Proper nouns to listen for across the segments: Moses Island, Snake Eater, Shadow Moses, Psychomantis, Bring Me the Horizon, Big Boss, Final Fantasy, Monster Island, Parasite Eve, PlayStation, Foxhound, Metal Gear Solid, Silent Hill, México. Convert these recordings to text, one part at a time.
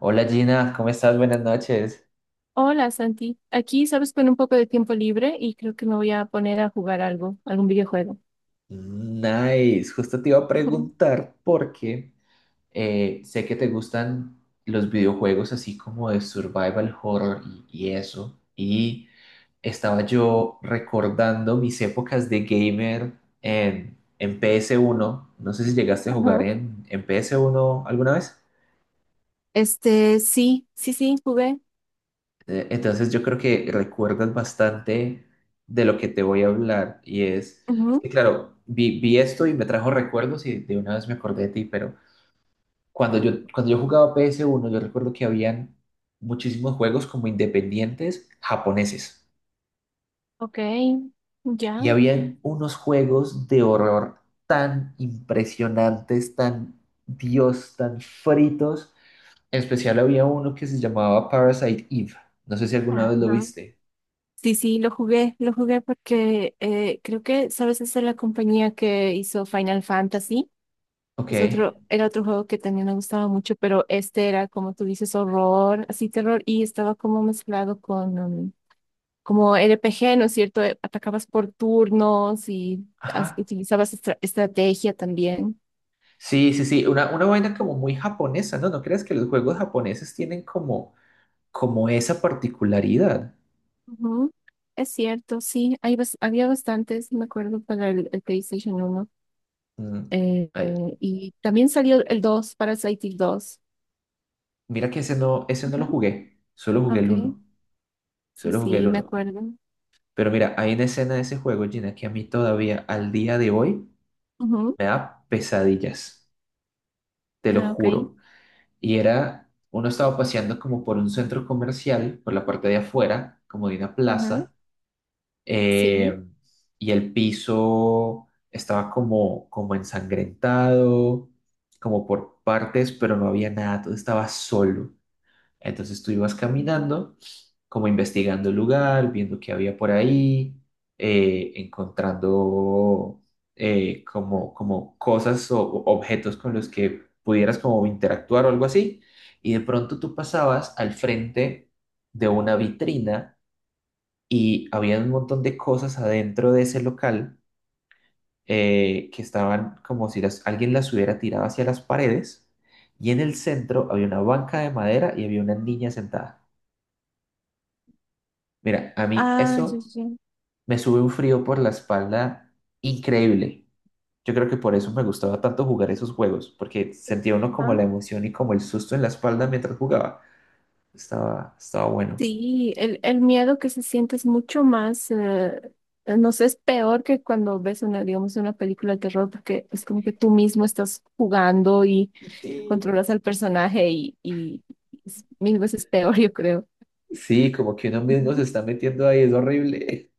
Hola Gina, ¿cómo estás? Buenas noches. Hola Santi, aquí sabes con un poco de tiempo libre y creo que me voy a poner a jugar algo, algún videojuego. Nice, justo te iba a preguntar porque sé que te gustan los videojuegos así como de survival horror y eso. Y estaba yo recordando mis épocas de gamer en ps uno. No sé si llegaste a jugar Ajá. en ps uno alguna vez. Sí, sí, jugué. Entonces yo creo que recuerdas bastante de lo que te voy a hablar y es Ujú. que claro, vi esto y me trajo recuerdos y de una vez me acordé de ti, pero cuando yo jugaba PS1 yo recuerdo que habían muchísimos juegos como independientes japoneses Ok, y ya. habían unos juegos de horror tan impresionantes, tan Dios, tan fritos. En especial había uno que se llamaba Parasite Eve. No sé si alguna vez lo Ajá. viste. Sí, sí, lo jugué porque creo que, sabes, esa es la compañía que hizo Final Fantasy. Ok. Es otro, era otro juego que también me gustaba mucho, pero este era, como tú dices, horror, así terror, y estaba como mezclado con, como RPG, ¿no es cierto? Atacabas por turnos y Ajá. utilizabas estrategia también. Sí, sí, sí, una vaina como muy japonesa, ¿no? ¿No crees que los juegos japoneses tienen como, como esa particularidad? Ujú. Es cierto, sí, hay había bastantes, me acuerdo, para el PlayStation uno. Mm. Ay, Y también salió el dos, Parasite Eve 2. mira que ese no Ujú. lo jugué, solo jugué el Ok, uno, sí, solo jugué el sí, me uno. acuerdo. Pero mira, hay una escena de ese juego, Gina, que a mí todavía, al día de hoy, Ujú. me da pesadillas, te lo Ah, ok, juro. Y era, uno estaba paseando como por un centro comercial, por la parte de afuera, como de una ajá, plaza sí. eh, y el piso estaba como, como ensangrentado, como por partes, pero no había nada, todo estaba solo. Entonces tú ibas caminando, como investigando el lugar, viendo qué había por ahí, encontrando como, como cosas o objetos con los que pudieras como interactuar o algo así. Y de pronto tú pasabas al frente de una vitrina y había un montón de cosas adentro de ese local que estaban como si las, alguien las hubiera tirado hacia las paredes y en el centro había una banca de madera y había una niña sentada. Mira, a mí Ah, sí, eso sí. me sube un frío por la espalda increíble. Yo creo que por eso me gustaba tanto jugar esos juegos, porque sentía uno como la emoción y como el susto en la espalda mientras jugaba. Estaba bueno. Sí, el miedo que se siente es mucho más, no sé, es peor que cuando ves una, digamos, una película de terror, porque es como que tú mismo estás jugando y Sí, controlas al personaje y es mil veces peor, yo creo. sí, como que uno mismo se Ujú. está metiendo ahí, es horrible.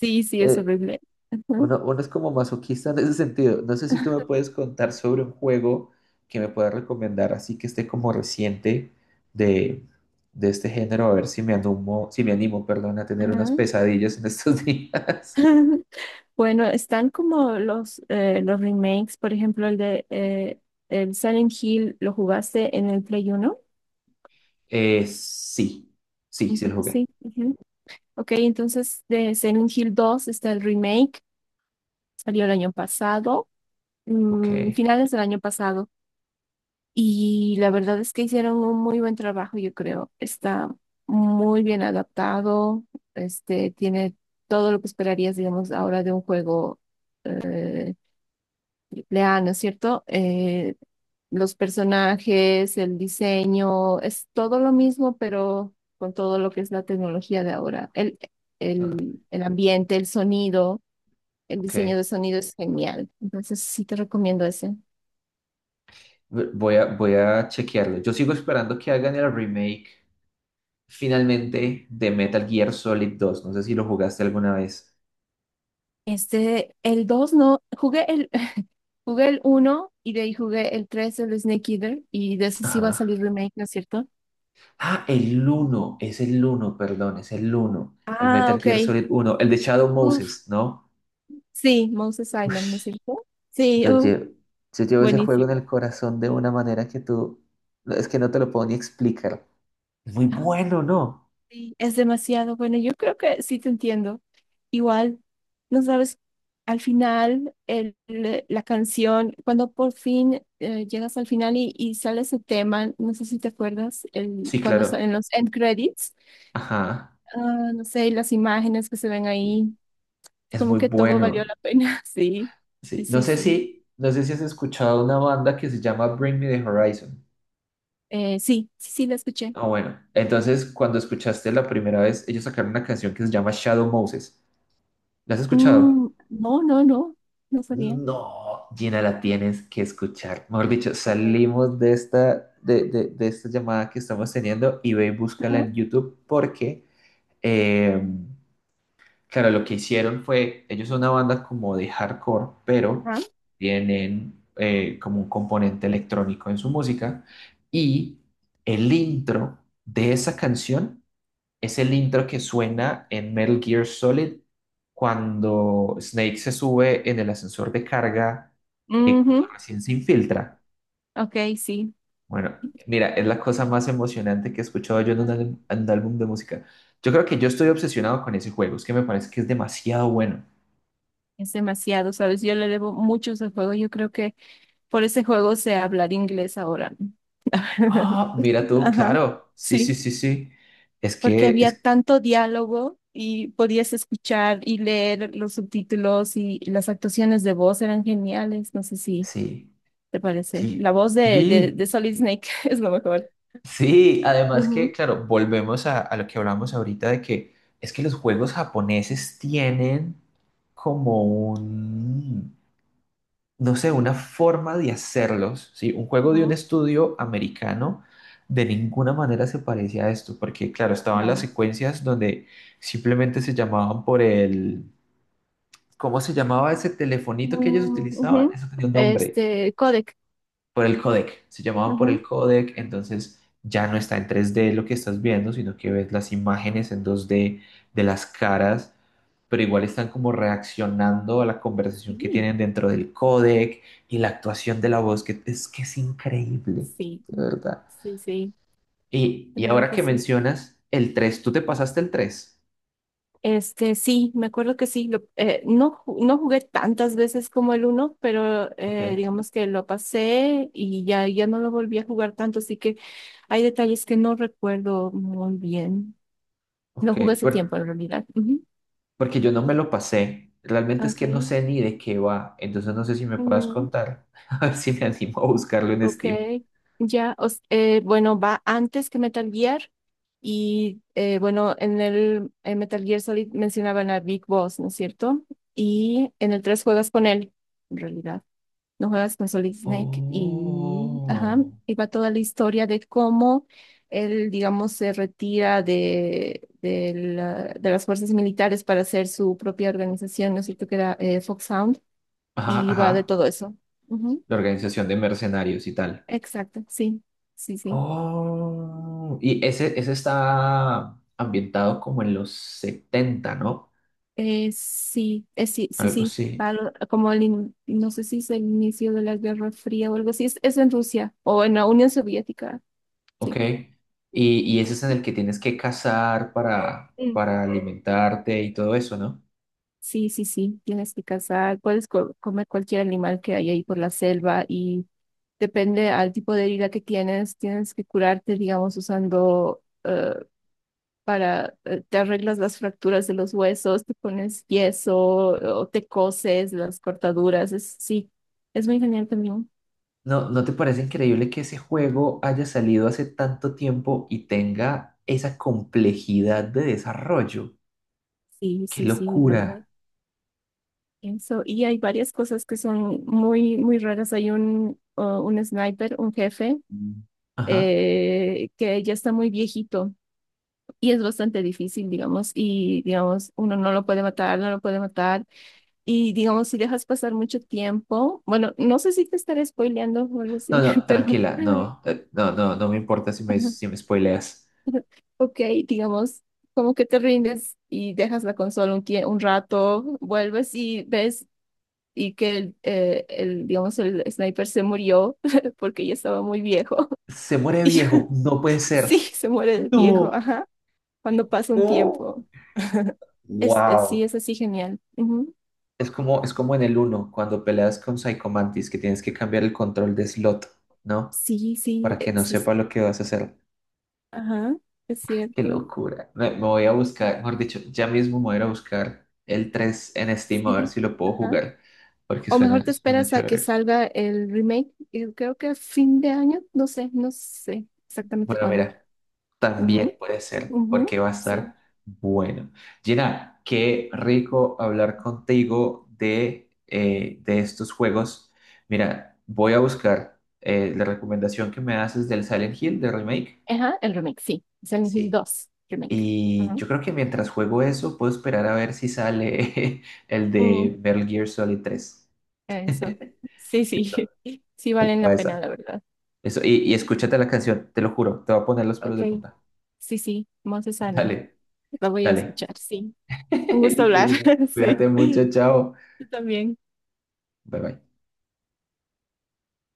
Sí, sí, es Eh, horrible. Ajá. uno es como masoquista en ese sentido. No sé si tú me puedes contar sobre un juego que me puedas recomendar, así que esté como reciente de, de este género, a ver si me animo, si me animo, perdón, a tener Ajá. unas pesadillas en estos días. Bueno, están como los remakes, por ejemplo, el de el Silent Hill, ¿lo jugaste en el Play uno? Sí, sí, Un sí lo poco jugué. sí. Ok, entonces de Silent Hill 2 está el remake, salió el año pasado, Ok, mm, finales del año pasado, y la verdad es que hicieron un muy buen trabajo, yo creo. Está muy bien adaptado, este, tiene todo lo que esperarías, digamos, ahora de un juego. eh, Leal, ¿no es cierto? Los personajes, el diseño, es todo lo mismo, pero con todo lo que es la tecnología de ahora. Ah, El ambiente, el sonido, el diseño de ok. sonido es genial. Entonces sí te recomiendo ese. Voy a chequearlo. Yo sigo esperando que hagan el remake finalmente de Metal Gear Solid 2. No sé si lo jugaste alguna vez. Este, el dos no, jugué el uno y de ahí jugué el 3, el Snake Eater, y de ese sí va a Ajá. salir remake, ¿no es cierto? Ah, el 1, es el 1, perdón, es el 1. El Ah, Metal Gear ok. Solid uno, el de Shadow Uf, Moses, ¿no? sí, Moses Island, ¿no es Ush, cierto? Sí, yo uf, llevo, yo llevo ese juego en buenísimo. el corazón de una manera que tú, no, es que no te lo puedo ni explicar. Es muy bueno, ¿no? Sí, es demasiado. Bueno, yo creo que sí te entiendo. Igual, no sabes, al final, la canción, cuando por fin llegas al final y sale ese tema, no sé si te acuerdas, el, Sí, cuando claro. salen los end credits, Ajá, ah, no sé, y las imágenes que se ven ahí, es como muy que todo valió bueno. la pena. Sí, sí, Sí, no sí, sé sí. si, no sé si has escuchado una banda que se llama Bring Me the Horizon. Sí, sí, sí, la escuché. Ah, bueno. Entonces, cuando escuchaste la primera vez, ellos sacaron una canción que se llama Shadow Moses. ¿La has escuchado? Mm, no, no, no, no sabía. No, Gina, la tienes que escuchar. Mejor dicho, Ok. salimos de esta, de esta llamada que estamos teniendo y ve y búscala Ajá, en YouTube porque, eh, claro, lo que hicieron fue, ellos son una banda como de hardcore, pero ajá. tienen como un componente electrónico en su música y el intro de esa canción es el intro que suena en Metal Gear Solid cuando Snake se sube en el ascensor de carga, cuando Ujú. recién se infiltra. Ok, sí. Bueno, mira, es la cosa más emocionante que he escuchado yo en un, Ah, en un álbum de música. Yo creo que yo estoy obsesionado con ese juego, es que me parece que es demasiado bueno. es demasiado, ¿sabes? Yo le debo mucho ese juego. Yo creo que por ese juego sé hablar inglés ahora. ¿No? Ah, mira tú, Ajá, claro. Sí, sí, sí, sí, sí. Es porque que, había es, tanto diálogo y podías escuchar y leer los subtítulos y las actuaciones de voz eran geniales. No sé si sí, te parece. La sí, voz de sí. Solid Snake es lo mejor. Sí, además que, Ujú, claro, volvemos a lo que hablamos ahorita de que es que los juegos japoneses tienen como un, no sé, una forma de hacerlos, ¿sí? Un juego de un ujú. estudio americano de ninguna manera se parece a esto, porque, claro, estaban las No. secuencias donde simplemente se llamaban por el, ¿cómo se llamaba ese telefonito que ellos Mm, utilizaban? ujú. Eso tenía un nombre Este, codec. por el codec, se llamaban por Ajá. el codec, entonces ya no está en tres d lo que estás viendo, sino que ves las imágenes en dos d de las caras, pero igual están como reaccionando a la conversación que tienen Sí, dentro del codec y la actuación de la voz, que es increíble, sí, de verdad. sí, de Y verdad ahora que que sí. mencionas el 3 tú te pasaste el tres Este, sí, me acuerdo que sí. No jugué tantas veces como el uno, pero ok, digamos que lo pasé y ya, ya no lo volví a jugar tanto, así que hay detalles que no recuerdo muy bien. ok, Lo jugué hace tiempo pero- en realidad. Ujú. porque yo no me lo pasé. Realmente es que no Okay. sé ni de qué va, entonces no sé si me puedas Mm, contar, a ver si me animo a buscarlo en ok. Steam. Ya, bueno, va antes que Metal Gear. Y bueno, en Metal Gear Solid mencionaban a Big Boss, ¿no es cierto? Y en el 3 juegas con él, en realidad. No juegas con Solid Snake y, ajá, Oh, y va toda la historia de cómo él, digamos, se retira de, de las fuerzas militares para hacer su propia organización, ¿no es cierto? Que era Foxhound, ajá, y va de ajá, todo eso. Ujú. la organización de mercenarios y tal. Exacto, sí, sí, sí. Oh, y ese está ambientado como en los 70, ¿no? Sí, sí, Algo sí. así, Como no sé si es el inicio de la Guerra Fría o algo así, es en Rusia o en la Unión Soviética, ok. sí. Y ese es en el que tienes que cazar Ujú. para alimentarte y todo eso, ¿no? Sí, sí, sí, tienes que cazar, puedes comer cualquier animal que hay ahí por la selva y depende al tipo de herida que tienes, tienes que curarte, digamos, usando te arreglas las fracturas de los huesos, te pones yeso o te coses las cortaduras, es, sí, es muy genial también. ¿No, no te parece increíble que ese juego haya salido hace tanto tiempo y tenga esa complejidad de desarrollo? Sí, ¡Qué sí, sí, la verdad. locura! Pienso, y hay varias cosas que son muy, muy raras. Hay un sniper, un jefe, Mm. Ajá. Que ya está muy viejito y es bastante difícil, digamos, y digamos, uno no lo puede matar, no lo puede matar, y digamos, si dejas pasar mucho tiempo, bueno, no sé si te estaré spoileando o algo No, así, no, pero, tranquila, no, no, no, no me importa si me, ajá, si me spoileas. ok, digamos, como que te rindes y dejas la consola un rato, vuelves y ves y que digamos, el sniper se murió porque ya estaba muy viejo, Se muere y ya, viejo, no puede sí, ser. se muere de viejo, No, ajá, cuando pasa un Oh. tiempo, sí, Wow. es así genial. Es como en el uno cuando peleas con Psychomantis que tienes que cambiar el control de slot, ¿no? Sí, Para que no sí, sí. sepa lo que vas a hacer. Ajá, es Qué cierto. locura. Me voy a buscar, mejor dicho, ya mismo me voy a ir a buscar el 3 en Steam a ver Sí, si lo puedo ajá. jugar, porque O mejor suena, te suena esperas a que chévere. salga el remake. Creo que a fin de año, no sé, no sé exactamente Bueno, cuándo. mira, también Ujú, puede ser, ujú, porque va a estar sí. bueno. Gina, qué rico hablar contigo de estos juegos. Mira, voy a buscar la recomendación que me haces del Silent Hill, del remake. Ajá, el remake, sí. Silent Hill Sí. 2 remake. Y Ajá. yo creo que mientras juego eso, puedo esperar a ver si sale el de Mm, Metal Gear Solid 3 eso. Sí, sí. Sí valen o la pena, esa. la verdad. Eso, y escúchate la canción, te lo juro, te va a poner los pelos Ok, de punta. sí, sí. Monster Island. Dale, La voy a dale. escuchar, sí. Un gusto Listo, hablar. Gina. Sí. Cuídate mucho, chao. Yo también. Bye bye.